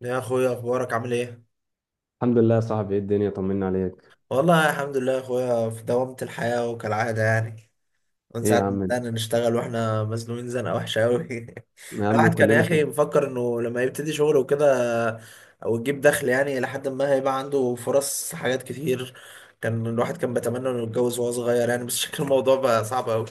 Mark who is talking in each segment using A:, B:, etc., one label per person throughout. A: يا اخويا، اخبارك عامل ايه؟
B: الحمد لله يا صاحبي، ايه الدنيا؟ طمنا عليك.
A: والله الحمد لله يا اخويا، في دوامة الحياة وكالعادة يعني. من
B: ايه يا
A: ساعة ما
B: عم؟
A: بدأنا نشتغل واحنا مزنوقين زنقة وحشة قوي.
B: يا عم
A: الواحد كان يا
B: كلنا
A: اخي
B: في.
A: مفكر انه لما يبتدي شغل وكده او يجيب دخل، يعني لحد ما هيبقى عنده فرص حاجات كتير. كان الواحد كان بيتمنى انه يتجوز وهو صغير يعني، بس شكل الموضوع بقى صعب قوي.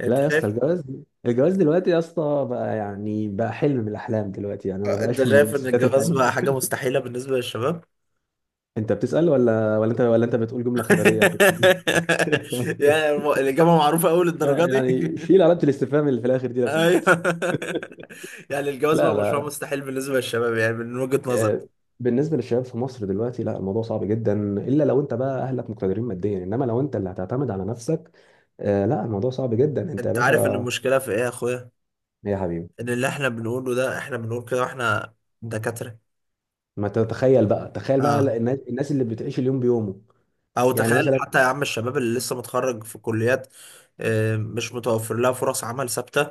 A: انت
B: لا يا اسطى،
A: شايف؟
B: الجواز، الجواز دلوقتي يا اسطى بقى يعني بقى حلم من الاحلام دلوقتي، يعني ما
A: انت
B: بقاش من
A: شايف ان
B: اساسيات
A: الجواز
B: الحياه.
A: بقى حاجة مستحيلة بالنسبة للشباب؟
B: انت بتسأل ولا انت بتقول جمله خبريه يعني؟
A: يعني الإجابة معروفة أوي
B: اه
A: للدرجة دي.
B: يعني شيل علامه الاستفهام اللي في الاخر دي لو
A: ايوه.
B: سمحت.
A: يعني الجواز
B: لا
A: بقى مشروع
B: لا
A: مستحيل بالنسبه للشباب، يعني من وجهه نظر.
B: آه، بالنسبه للشباب في مصر دلوقتي، لا الموضوع صعب جدا، الا لو انت بقى اهلك مقتدرين ماديا، انما لو انت اللي هتعتمد على نفسك، آه، لا الموضوع صعب جدا انت يا
A: انت عارف ان
B: باشا.
A: المشكله في ايه يا اخويا؟
B: يا حبيبي،
A: ان اللي احنا بنقوله ده، احنا بنقول كده واحنا دكاتره.
B: ما انت تتخيل بقى، تخيل بقى
A: اه.
B: الناس، اللي بتعيش اليوم بيومه.
A: او
B: يعني
A: تخيل
B: مثلا،
A: حتى يا عم الشباب اللي لسه متخرج في كليات، آه، مش متوفر لها فرص عمل ثابته،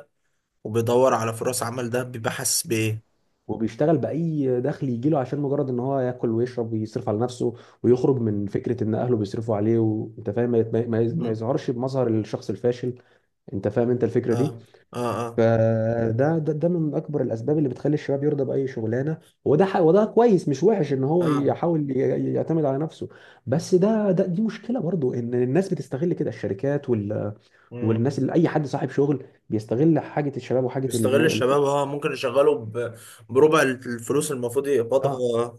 A: وبيدور على فرص عمل، ده بيبقى حاسس بايه؟
B: وبيشتغل بأي دخل يجيله عشان مجرد ان هو ياكل ويشرب ويصرف على نفسه،
A: مم.
B: ويخرج من فكرة ان اهله بيصرفوا عليه، وانت فاهم، ما
A: مم.
B: يظهرش بمظهر الشخص الفاشل. انت فاهم انت الفكرة
A: اه.
B: دي؟
A: اه. اه.
B: فده ده ده من اكبر الاسباب اللي بتخلي الشباب يرضى بأي شغلانه. وده كويس مش وحش ان هو
A: اه.
B: يحاول يعتمد على نفسه. بس ده دي مشكلة برضو، ان الناس بتستغل كده، الشركات وال...
A: مم.
B: والناس اللي اي حد صاحب شغل بيستغل حاجه الشباب وحاجه
A: بيستغل الشباب، اه، ممكن يشغله بربع الفلوس المفروض
B: اه.
A: يقبضها.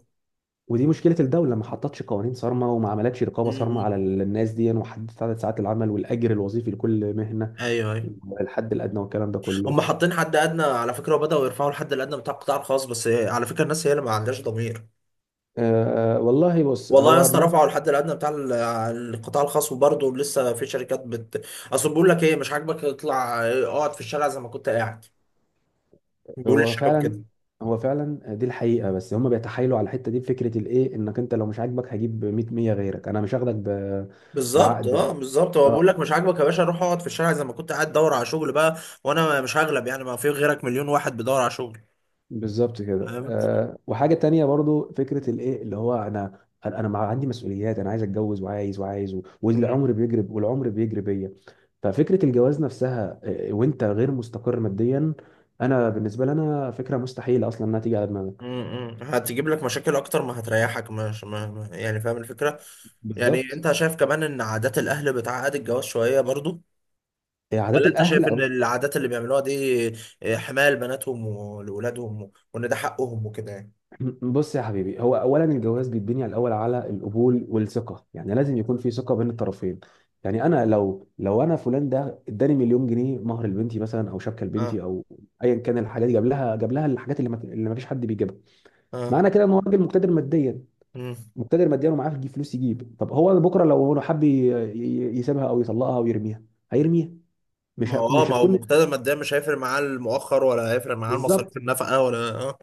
B: ودي مشكله، الدوله ما حطتش قوانين صارمه، وما عملتش رقابه صارمه على الناس دي، وحددت عدد ساعات العمل والاجر الوظيفي لكل مهنه،
A: ايوه، ايوه.
B: والحد الادنى والكلام ده كله.
A: هم حاطين حد ادنى على فكره، وبداوا يرفعوا الحد الادنى بتاع القطاع الخاص، بس على فكره الناس هي اللي ما عندهاش ضمير.
B: آه، والله بص
A: والله يا
B: هو
A: اسطى،
B: الناس.
A: رفعوا الحد الادنى بتاع القطاع الخاص وبرضه لسه في شركات اصل بيقول لك ايه مش عاجبك اطلع اقعد في الشارع زي ما كنت قاعد. بيقول
B: هو
A: للشباب
B: فعلا،
A: كده.
B: هو فعلا دي الحقيقه، بس هم بيتحايلوا على الحته دي بفكره الايه، انك انت لو مش عاجبك هجيب 100 غيرك، انا مش هاخدك ب...
A: بالظبط،
B: بعقد.
A: اه، بالظبط. هو بيقول
B: اه
A: لك مش عاجبك يا باشا، روح اقعد في الشارع زي ما كنت قاعد، دور على شغل بقى. وانا مش هغلب، يعني ما في غيرك، مليون واحد بيدور على شغل.
B: بالظبط كده. وحاجه تانية برضو فكره الايه اللي هو، انا مع عندي مسؤوليات، انا عايز اتجوز وعايز،
A: فاهم؟
B: والعمر بيجري، والعمر بيجري بيا. ففكره الجواز نفسها، آه، وانت غير مستقر ماديا، انا بالنسبه لي انا فكره مستحيله اصلا انها تيجي على دماغك.
A: هتجيب لك مشاكل اكتر ما هتريحك، مش يعني فاهم الفكره. يعني
B: بالظبط.
A: انت شايف كمان ان عادات الاهل بتعقد الجواز شويه برضو؟
B: آه، عادات
A: ولا انت
B: الاهل.
A: شايف ان العادات اللي بيعملوها دي، آه، حمايه لبناتهم ولولادهم وان ده حقهم وكده يعني.
B: بص يا حبيبي، هو اولا الجواز بيتبني على الاول على القبول والثقه، يعني لازم يكون في ثقه بين الطرفين. يعني انا لو انا فلان ده اداني مليون جنيه مهر لبنتي مثلا، او شبكه
A: اه.
B: لبنتي، او ايا كان الحاجات، جاب لها الحاجات اللي ما، اللي ما فيش حد بيجيبها،
A: اه.
B: معنى كده ان هو راجل مقتدر ماديا.
A: امم.
B: مقتدر ماديا ومعاه يجيب فلوس يجيب. طب هو بكره لو هو حب يسيبها او يطلقها او يرميها، هيرميها. مش
A: ما
B: هكون
A: هو اه
B: مش
A: ما هو
B: هتكون.
A: مقتدر ماديا، مش هيفرق معاه المؤخر ولا هيفرق معاه المصاريف،
B: بالظبط.
A: النفقه ولا اه.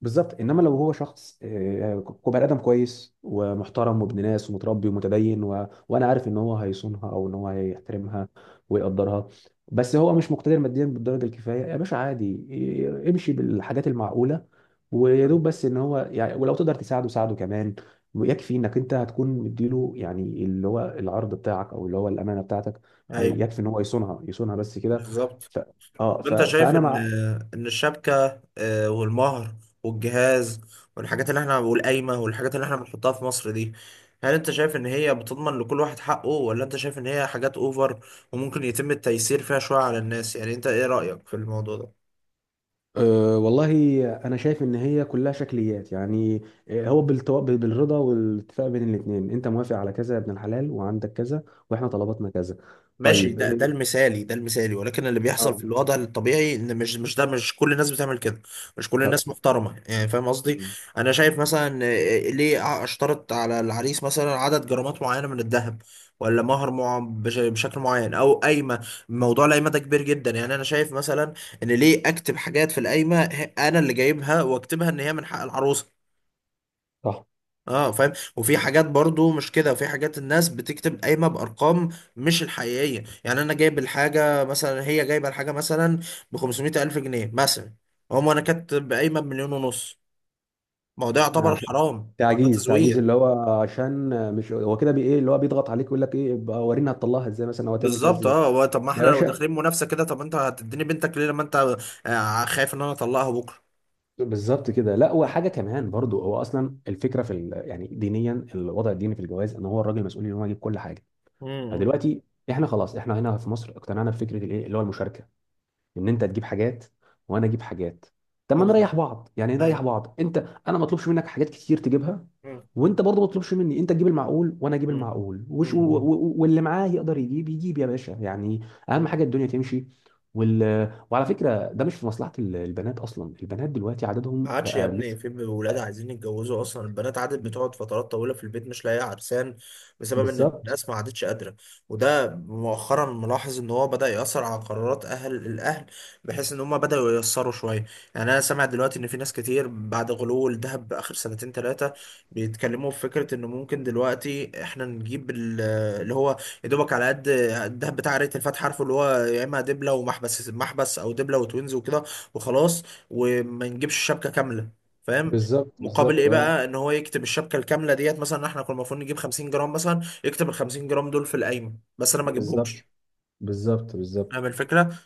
B: بالظبط، انما لو هو شخص، آه، بني ادم كويس ومحترم وابن ناس ومتربي ومتدين و... وانا عارف ان هو هيصونها، او ان هو هيحترمها ويقدرها، بس هو مش مقتدر ماديا بالدرجه الكفايه، يا باشا عادي امشي بالحاجات المعقوله. ويا دوب بس ان هو يعني، ولو تقدر تساعده ساعده كمان، ويكفي انك انت هتكون مديله، يعني اللي هو العرض بتاعك، او اللي هو الامانه بتاعتك، هي-
A: ايوه،
B: يكفي ان هو يصونها، يصونها بس كده.
A: بالظبط.
B: ف... اه
A: طب
B: ف...
A: انت شايف
B: فانا
A: ان
B: مع.
A: ان الشبكه، آه، والمهر والجهاز والحاجات اللي احنا والقايمه والحاجات اللي احنا بنحطها في مصر دي، هل انت شايف ان هي بتضمن لكل واحد حقه ولا انت شايف ان هي حاجات اوفر وممكن يتم التيسير فيها شويه على الناس، يعني انت ايه رايك في الموضوع ده؟
B: والله، أنا شايف إن هي كلها شكليات يعني. آه، هو بالرضا والاتفاق بين الاتنين، أنت موافق على كذا يا ابن الحلال، وعندك كذا، وإحنا طلباتنا كذا.
A: ماشي،
B: طيب
A: ده
B: أه.
A: المثالي، ده المثالي، ولكن اللي بيحصل
B: آه،
A: في الوضع الطبيعي ان مش مش كل الناس بتعمل كده. مش كل
B: طب.
A: الناس محترمه، يعني فاهم قصدي؟
B: مم،
A: انا شايف مثلا، آه، ليه اشترط على العريس مثلا عدد جرامات معينه من الذهب؟ ولا مهر مع بشكل معين، او قايمه؟ موضوع القايمه ده كبير جدا، يعني انا شايف مثلا ان ليه اكتب حاجات في القايمه، انا اللي جايبها واكتبها ان هي من حق العروسه.
B: صح.
A: اه، فاهم؟ وفي حاجات برضو مش كده، وفي حاجات الناس بتكتب قايمه بارقام مش الحقيقيه. يعني انا جايب الحاجه مثلا، هي جايبه الحاجه مثلا ب 500 الف جنيه مثلا، انا كاتب قايمه بمليون ونص. ما هو ده يعتبر
B: عشان
A: حرام، هو ده
B: تعجيز، تعجيز
A: تزوير.
B: اللي هو، عشان، آه، مش هو كده بي إيه اللي هو بيضغط عليك، يقول لك إيه بقى ورينا هتطلعها إزاي مثلا، أو هتعمل فيها
A: بالظبط،
B: إزاي؟
A: اه. هو طب ما
B: يا
A: احنا لو
B: باشا.
A: داخلين منافسه كده، طب انت هتديني بنتك ليه لما انت، آه، خايف ان انا اطلقها بكره؟
B: بالظبط كده. لا وحاجة كمان برضو، هو أصلا الفكرة في ال... يعني دينيا، الوضع الديني في الجواز، إن هو الراجل مسؤول إن هو يجيب كل حاجة.
A: امم.
B: فدلوقتي احنا هنا في مصر اقتنعنا بفكره الايه اللي هو المشاركه، ان انت تجيب حاجات، وانا اجيب حاجات. طب ما
A: اه.
B: نريح بعض، يعني
A: ايوه.
B: نريح بعض انت، انا ما اطلبش منك حاجات كتير تجيبها،
A: مم،
B: وانت برضه ما تطلبش مني، انت تجيب المعقول وانا اجيب
A: مم،
B: المعقول،
A: مم،
B: واللي معاه يقدر يجيب، يجيب يا باشا يعني.
A: مم.
B: اهم حاجه الدنيا تمشي. وال... وعلى فكره ده مش في مصلحه البنات اصلا، البنات دلوقتي
A: ما
B: عددهم
A: عادش يا
B: بقى
A: ابني،
B: مش...
A: في ولاد عايزين يتجوزوا اصلا؟ البنات عادت بتقعد فترات طويله في البيت مش لاقيه عرسان، بسبب ان
B: بالظبط
A: الناس ما عادتش قادره. وده مؤخرا، ملاحظ ان هو بدا ياثر على قرارات الاهل، بحيث ان هم بداوا ييسروا شويه. يعني انا سامع دلوقتي ان في ناس كتير، بعد غلو الذهب اخر سنتين ثلاثه، بيتكلموا في فكره انه ممكن دلوقتي احنا نجيب اللي هو يا دوبك على قد الذهب بتاع ريت الفاتحه، عارفه اللي هو يا اما دبله ومحبس محبس، او دبله وتوينز وكده، وخلاص، وما نجيبش الشبكه كامله. فاهم؟
B: بالظبط
A: مقابل
B: بالظبط
A: ايه
B: اه
A: بقى؟ ان هو يكتب الشبكه الكامله ديت، مثلا احنا كنا المفروض نجيب 50 جرام مثلا، يكتب ال 50 جرام دول في القايمه، بس انا ما
B: بالظبط
A: اجيبهمش.
B: بالظبط.
A: فاهم الفكره؟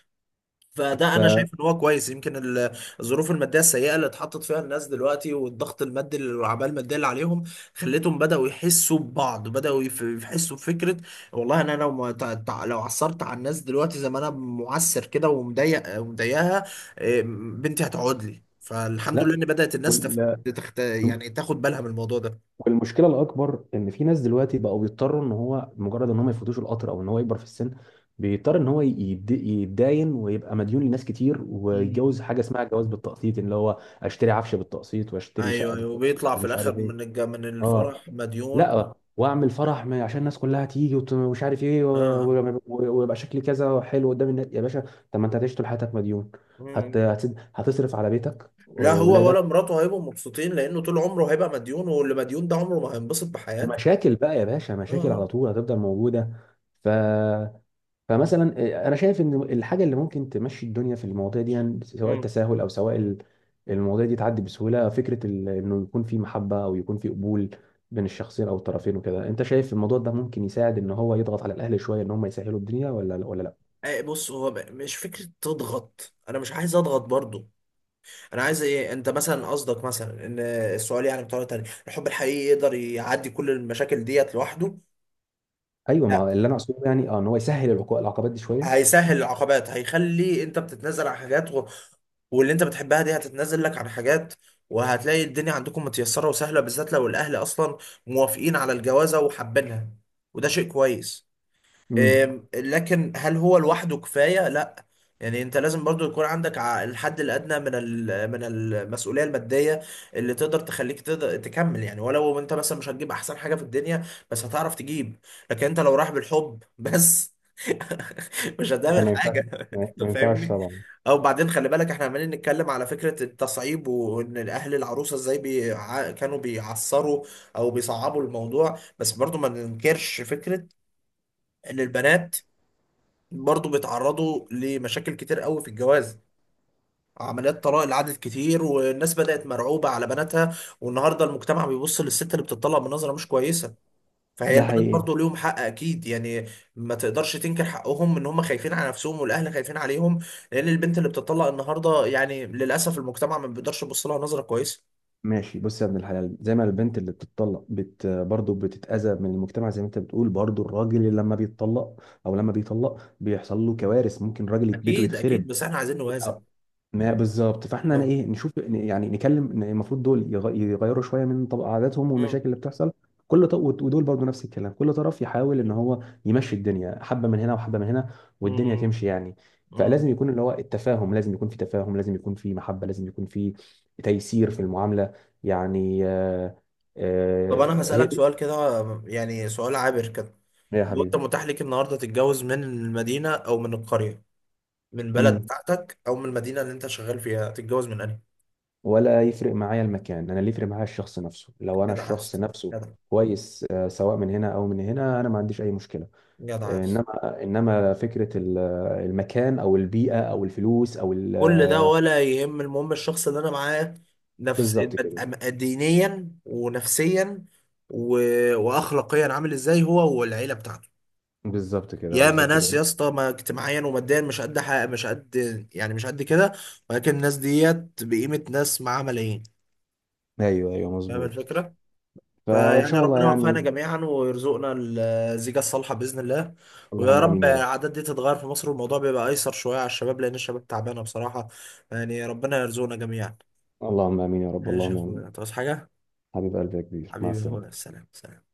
A: فده
B: ف...
A: انا شايف ان هو كويس، يمكن الظروف الماديه السيئه اللي اتحطت فيها الناس دلوقتي، والضغط المادي والعباءه الماديه اللي عليهم، خلتهم بداوا يحسوا ببعض، بداوا يحسوا بفكره والله انا لو ما تع- تع- لو عثرت على الناس دلوقتي زي ما انا معسر كده ومضايق ومضايقها. إيه، بنتي هتقعد لي. فالحمد لله
B: لا.
A: ان بدات الناس
B: وال-
A: يعني تاخد بالها من الموضوع ده.
B: والمشكله الاكبر ان في ناس دلوقتي بقوا بيضطروا، ان هو مجرد ان هم يفوتوش القطر، او ان هو يكبر في السن، بيضطر ان هو يتداين ويبقى مديون لناس كتير،
A: مم.
B: ويتجوز حاجه اسمها جواز بالتقسيط، اللي هو اشتري عفش بالتقسيط، واشتري شقه
A: ايوه، ايوه.
B: بالتقسيط،
A: وبيطلع في
B: ومش
A: الاخر،
B: عارف ايه.
A: من
B: اه.
A: الفرح مديون.
B: لا واعمل فرح عشان الناس كلها تيجي ومش عارف ايه
A: اه.
B: ويبقى شكلي كذا حلو قدام الناس يا باشا. طب ما انت هتعيش طول حياتك مديون.
A: آه.
B: هتصرف على بيتك
A: لا هو
B: واولادك.
A: ولا مراته هيبقوا مبسوطين، لانه طول عمره هيبقى مديون، واللي مديون ده عمره ما هينبسط بحياته.
B: ومشاكل بقى يا باشا،
A: اه.
B: مشاكل على
A: آه.
B: طول هتفضل موجودة. ف... فمثلا، آه، انا شايف ان الحاجة اللي ممكن تمشي الدنيا في المواضيع دي، يعني سواء
A: مم.
B: التساهل، او سواء المواضيع دي تعدي بسهولة، فكرة ال... انه يكون في محبة، او يكون في قبول بين الشخصين او الطرفين وكده. انت شايف الموضوع ده ممكن يساعد ان هو يضغط على الاهل شوية ان هم يسهلوا الدنيا، ولا لا؟
A: آه، بص هو مش فكرة تضغط، انا مش عايز اضغط برضو. انا عايز ايه انت مثلا قصدك مثلا؟ ان السؤال يعني بطريقة تانية، الحب الحقيقي يقدر يعدي كل المشاكل ديت لوحده؟
B: ايوه،
A: لا.
B: ما اللي انا اقصده يعني اه، ان هو يسهل العقبات دي شوية.
A: هيسهل العقبات، هيخلي انت بتتنازل عن حاجات واللي انت بتحبها دي هتتنازل لك عن حاجات، وهتلاقي الدنيا عندكم متيسرة وسهلة، بالذات لو الاهل اصلا موافقين على الجوازة وحابينها. وده شيء كويس.
B: امم.
A: إم، لكن هل هو لوحده كفاية؟ لا. يعني انت لازم برضو يكون عندك الحد الادنى من المسؤوليه الماديه اللي تقدر تخليك تقدر تكمل، يعني ولو انت مثلا مش هتجيب احسن حاجه في الدنيا، بس هتعرف تجيب. لكن انت لو رايح بالحب بس مش
B: لا
A: هتعمل
B: ما ينفعش،
A: حاجه.
B: ما ما
A: انت
B: ينفعش
A: فاهمني؟
B: طبعا.
A: او بعدين خلي بالك، احنا عمالين نتكلم على فكره التصعيب وان الاهل العروسه ازاي كانوا بيعصروا، او بيصعبوا الموضوع، بس برضو ما ننكرش فكره ان البنات برضو بيتعرضوا لمشاكل كتير قوي في الجواز. عمليات طلاق العدد كتير، والناس بدأت مرعوبة على بناتها، والنهاردة المجتمع بيبص للست اللي بتطلق بنظرة مش كويسة. فهي
B: ده
A: البنات
B: حقيقي.
A: برضو ليهم حق أكيد يعني. ما تقدرش تنكر حقهم، إن هم خايفين على نفسهم والأهل خايفين عليهم، لأن البنت اللي بتطلق النهاردة يعني للأسف المجتمع ما بيقدرش يبص لها نظرة كويسة.
B: ماشي بص يا ابن الحلال، زي ما البنت اللي بتطلق بت برضه بتتأذى من المجتمع، زي ما انت بتقول، برضه الراجل اللي لما بيتطلق او لما بيطلق بيحصل له كوارث، ممكن راجل بيته
A: أكيد، أكيد.
B: يتخرب.
A: بس إحنا عايزين نوازن.
B: ما بالظبط، فاحنا انا
A: آه.
B: ايه نشوف يعني نكلم إن المفروض دول يغيروا شويه من طب عاداتهم،
A: مم.
B: والمشاكل اللي بتحصل كل طرف، ودول برضو نفس الكلام، كل طرف يحاول ان هو يمشي الدنيا، حبه من هنا وحبه من هنا، والدنيا
A: مم.
B: تمشي يعني.
A: مم.
B: فلازم يكون اللي هو التفاهم، لازم يكون في تفاهم، لازم يكون في محبه، لازم يكون في تيسير في المعامله. يعني آه،
A: طب أنا
B: آه، هي
A: هسألك
B: دي.
A: سؤال كده، يعني سؤال عابر كده.
B: يا
A: لو انت
B: حبيبي.
A: متاح ليك النهارده تتجوز من المدينه او من القريه، من بلد بتاعتك او من المدينه اللي انت شغال فيها، تتجوز من انهي؟
B: ولا يفرق معايا المكان، انا اللي يفرق معايا الشخص نفسه، لو انا
A: جدع
B: الشخص
A: عايز.
B: نفسه
A: جدع.
B: كويس آه، سواء من هنا او من هنا، انا ما عنديش اي مشكله.
A: جدع
B: آه،
A: عايز.
B: انما فكره آه، المكان او البيئه او الفلوس او
A: كل ده
B: آه،.
A: ولا يهم، المهم الشخص اللي انا معاه، نفس
B: بالظبط كده
A: دينيا ونفسيا و... واخلاقيا عامل ازاي هو والعيله بتاعته.
B: بالظبط كده.
A: ياما
B: بالظبط
A: ناس يا
B: كده.
A: اسطى ما اجتماعيا وماديا مش قد حاجه، مش قد يعني مش قد كده، ولكن الناس ديت بقيمه ناس معاها ملايين.
B: ايوه ايوه
A: فاهم
B: مظبوط.
A: الفكره؟
B: فان
A: فيعني
B: شاء الله
A: ربنا يوفقنا
B: يعني.
A: جميعا ويرزقنا الزيجة الصالحة بإذن الله. ويا
B: اللهم
A: رب
B: امين يا رب،
A: العادات دي تتغير في مصر، والموضوع بيبقى أيسر شوية على الشباب، لأن الشباب تعبانة بصراحة. يعني ربنا يرزقنا جميعا.
B: اللهم امين يا رب،
A: ماشي يا
B: اللهم امين.
A: أخويا، تعوز حاجة؟
B: حبيب قلبي يا كبير، مع
A: حبيبي يا أخويا،
B: السلامه.
A: سلام، سلام.